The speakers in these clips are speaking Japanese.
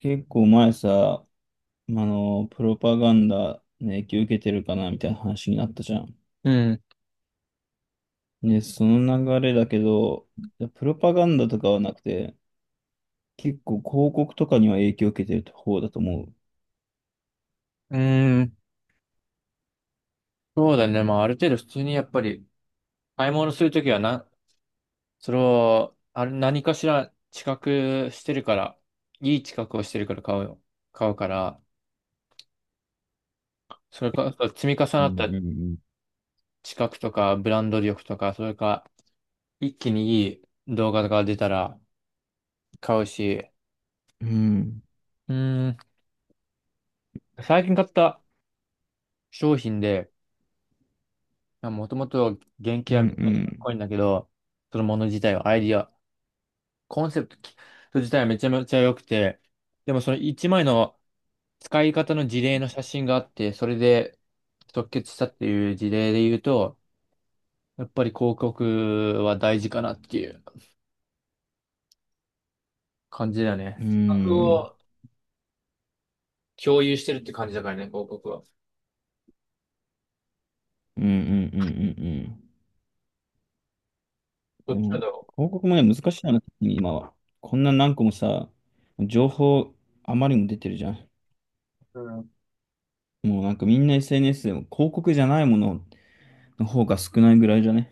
結構前さ、プロパガンダの影響受けてるかなみたいな話になったじゃん。うん。ね、その流れだけど、いやプロパガンダとかはなくて、結構広告とかには影響受けてる方だと思う。うーん。そうだね。まあ、ある程度普通にやっぱり買い物するときはな、それを、何かしら知覚してるから、いい知覚をしてるから買うよ。買うから、それか、積み重うなっんたうん知覚とか、ブランド力とか、それか、一気にいい動画が出たら買うし、うん。うん、うーん。最近買った商品で、もともと原う型はめちゃめちゃかっこん、いいんだけど、そのもの自体はアイディア、コンセプト自体はめちゃめちゃ良くて、でもその1枚の使い方の事例の写真があって、それで即決したっていう事例で言うと、やっぱり広告は大事かなっていう感じだね。うん、う企画ん、を共有してるって感じだからね、広告は。うん、うん、うん、うん。うん。どでっちもかだろ広告もね、難しいよね、特に今は。こんな何個もさ、情報あまりにも出てるじゃん。う。うん。もうなんかみんな SNS でも広告じゃないものをの方が少ないぐらいじゃね？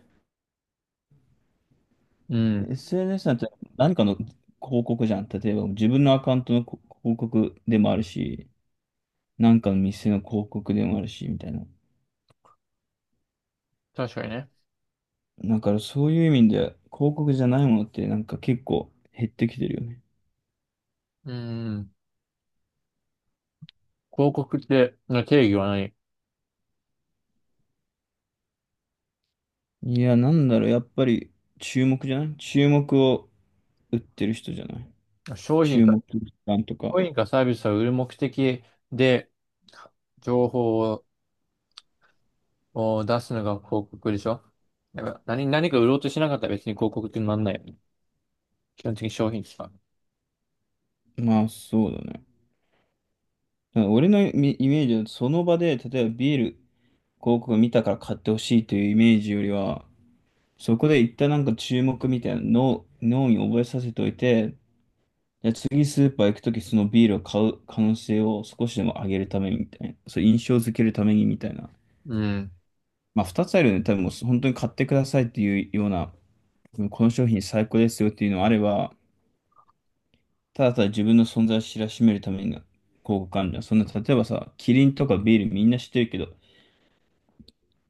うん。SNS なんて何かの広告じゃん。例えば自分のアカウントの広告でもあるし、何かの店の広告でもあるし、みたいな。確かにね。だからそういう意味で広告じゃないものってなんか結構減ってきてるよね。うん。広告っての定義は何いや、なんだろう、やっぱり注目じゃない注目を売ってる人じゃない商品注か、目感とか。商品かサービスを売る目的で情報を出すのが広告でしょ。やっぱ何か売ろうとしなかったら別に広告ってなんないよね。基本的に商品しか。まあそうだね。だから俺のイメージはその場で、例えばビール広告を見たから買ってほしいというイメージよりは、そこで一旦なんか注目みたいなの脳に覚えさせておいて、じゃあ次スーパー行くときそのビールを買う可能性を少しでも上げるためにみたいな。そう印象づけるためにみたいな。うん。まあ二つあるよね。多分もう本当に買ってくださいっていうような、この商品最高ですよっていうのもあれば、ただただ自分の存在を知らしめるために広告あるじゃん。そんな、例えばさ、キリンとかビールみんな知ってるけど、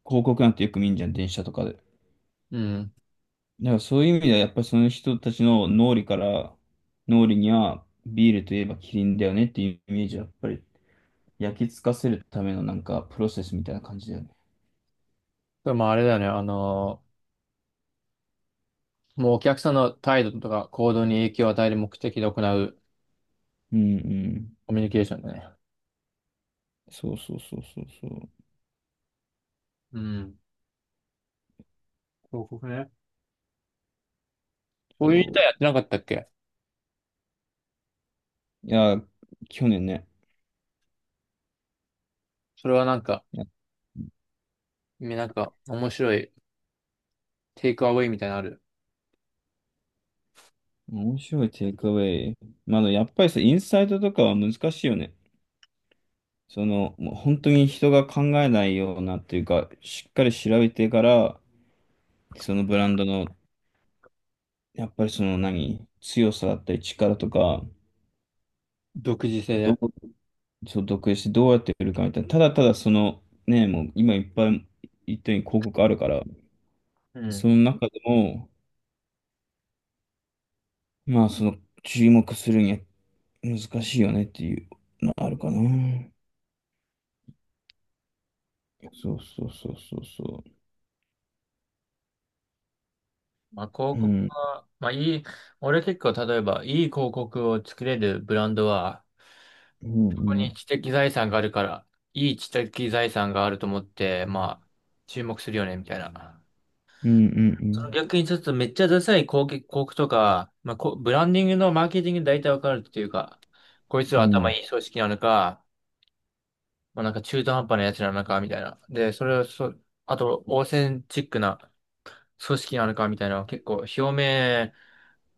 広告なんてよく見んじゃん、電車とかで。うん。だからそういう意味では、やっぱりその人たちの脳裏から、脳裏にはビールといえばキリンだよねっていうイメージは、やっぱり焼き付かせるためのなんかプロセスみたいな感じだよね。でもあれだよね。もうお客さんの態度とか行動に影響を与える目的で行ううんうん。コミュニケーションだね。そうそうそうそうそう。うん。広告ね。こういう歌そやってなかったっけ？う。いや、去年ね。それはなんか、いやなんか面白いテイクアウェイみたいなのある。面白いテイクアウェイ。まだやっぱりさ、インサイトとかは難しいよね。その、もう本当に人が考えないようなっていうか、しっかり調べてから、そのブランドのやっぱりその何、強さだったり力とか、独自性どう、で。そう、独立してどうやって売るかみたいな、ただただその、ね、もう今いっぱい言ったように広告あるから、うん。その中でも、まあその注目するには難しいよねっていうのはあるかな。そうそうそうそうそまあ、う。広う告ん、は、まあ、いい、俺結構、例えば、いい広告を作れるブランドは、うん、ここうにん、知的財産があるから、いい知的財産があると思って、まあ、注目するよね、みたいな。うん、うそのん、逆にちょっとめっちゃダサい広告とか、まあ、こうブランディングのマーケティングで大体わかるっていうか、こいつうは頭ん、いい組織なのか、まあ、なんか中途半端なやつなのか、みたいな。で、それをそ、あと、オーセンチックな組織なのか、みたいな、結構表面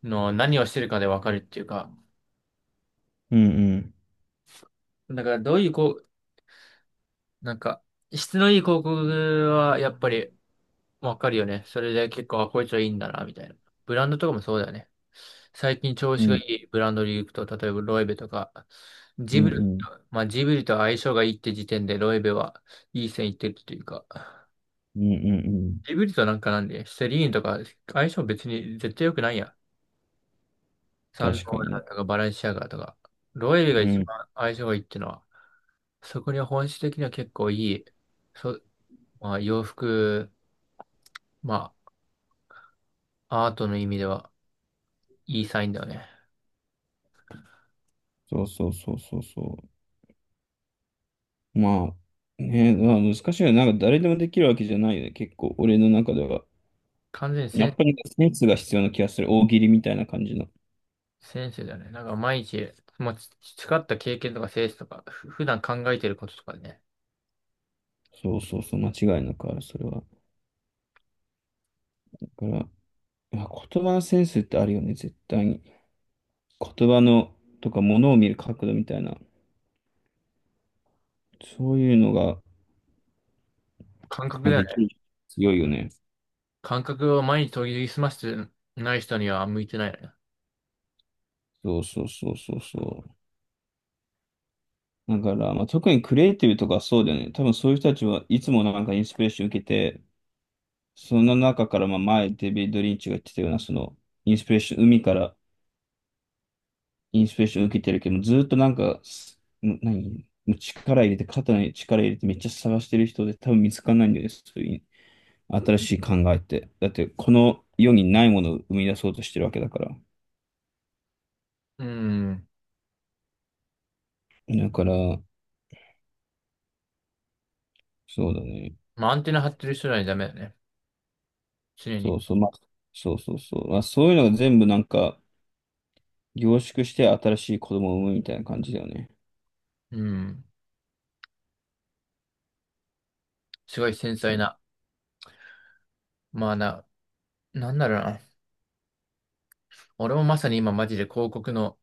の何をしてるかでわかるっていうか、うん、だからどういうこう、なんか、質のいい広告はやっぱり、わかるよね。それで結構、あ、こいつはいいんだな、みたいな。ブランドとかもそうだよね。最近調うん、子うがいん、いブランドで行くと、例えばロエベとか、うジん、ブうリと、ん、うん、まあジブリと相性がいいって時点でロエベはいい線いってるというか、うん、うんうん。ジブリとなんかなんで、セリーンとか相性別に絶対良くないやん。サン確ロかーラに。ンとかバレンシアガとか、ロエベがう一ん、番相性がいいってのは、そこには本質的には結構いい、そ、まあ洋服、まあアートの意味ではいいサインだよね。そうそうそうそうそう。まあ、ね、まあ難しいよね。なんか誰でもできるわけじゃないよね。結構、俺の中では。完全にやっセぱりセンスが必要な気がする。大喜利みたいな感じの。先生だね。なんか毎日、もうち培った経験とか性質とか、普段考えてることとかね。そうそうそう、間違いなくある、それは。だから、まあ、言葉のセンスってあるよね、絶対に。言葉の、とか、物を見る角度みたいな。そういうのが、感覚まあ、だよできね。る。強いよね。感覚を毎日研ぎ澄ましてない人には向いてないよね。そうそうそうそうそう。だから、まあ、特にクリエイティブとかそうだよね。多分そういう人たちはいつもなんかインスピレーション受けて、その中から、まあ前、デビッド・リンチが言ってたような、その、インスピレーション、海からインスピレーション受けてるけど、ずっとなんか、すん何もう力入れて、肩に力入れて、めっちゃ探してる人で多分見つかんないんだよね、そういう新しい考えって。だって、この世にないものを生み出そうとしてるわけだから。うん。だから、そうだね。まあ、アンテナ張ってる人にはダメだね。常そに。うそう、まあ、そうそうそう。まあ、そういうのが全部なんか、凝縮して新しい子供を産むみたいな感じだよね。うん。すごい繊細な。まあな、なんだろうな。俺もまさに今マジで広告の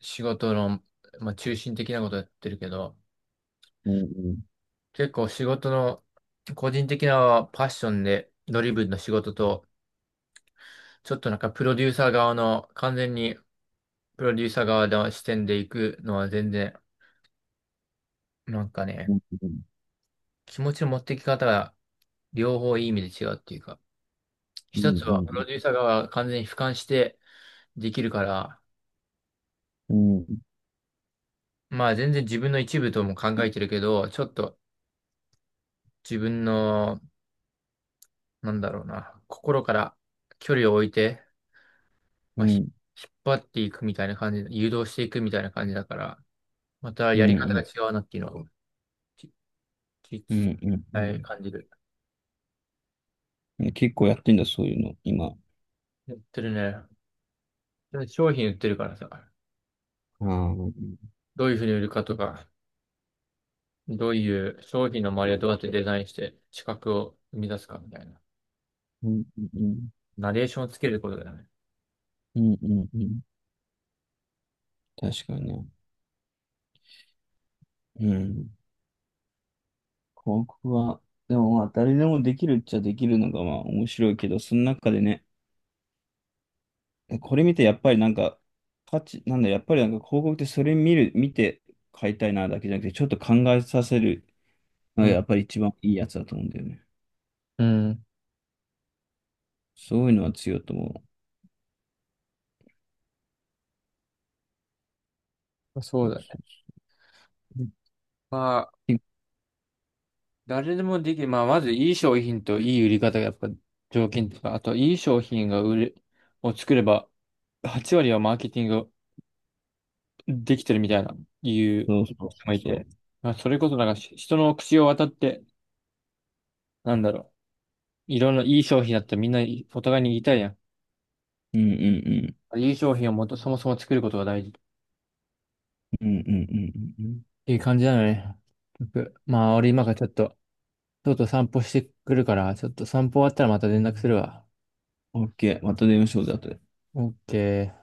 仕事の、まあ、中心的なことやってるけど、うんうん結構仕事の個人的なパッションでドリブンの仕事と、ちょっとなんかプロデューサー側の、完全にプロデューサー側の視点で行くのは全然、なんかね、うん気持ちの持ってき方が両方いい意味で違うっていうか、う一んつはプうロデューんサー側が完全に俯瞰してできるから、うんうんうんまあ全然自分の一部とも考えてるけど、ちょっと自分の、なんだろうな、心から距離を置いて、うまあ、んひうん引っ張っていくみたいな感じで、誘導していくみたいな感じだから、またうやり方んうが違んうなっていうのを、ききうんうんう伝えん。感じる。ね結構やってんだ、そういうの、今。やってるね。で商品売ってるからさ、ああ、うんどういうふうに売るかとか、どういう商品の周りをどうやってデザインして資格を生み出すかみたいな。うんうん。ナレーションをつけることだよね。うんうんうん。確かにね。うん。広告は、でもまあ、誰でもできるっちゃできるのがまあ面白いけど、その中でね、これ見てやっぱりなんか、価値、なんだ、やっぱりなんか広告ってそれ見て買いたいなだけじゃなくて、ちょっと考えさせるのうがやん、っぱり一番いいやつだと思うんだよね。うん、そういうのは強いと思そうだね。う。うん。まあ、誰でもできる。まあ、まずいい商品といい売り方がやっぱ条件とか、あといい商品が売れ、を作れば、8割はマーケティングできてるみたいな、いうそうそうそう人そもう。いそうて。そうそまあ、それこそなんかし人の口を渡って、なんだろう。いろんないい商品だったらみんなお互いに言いたいやん。ううんうんうん。いい商品をもと、そもそも作ることが大事。っうんうんうんうんうん。ていう感じなのね。僕まあ、俺今からちょっと、とうとう散歩してくるから、ちょっと散歩終わったらまた連絡するわ。OK。また電話しようぜ、後で。オッケー。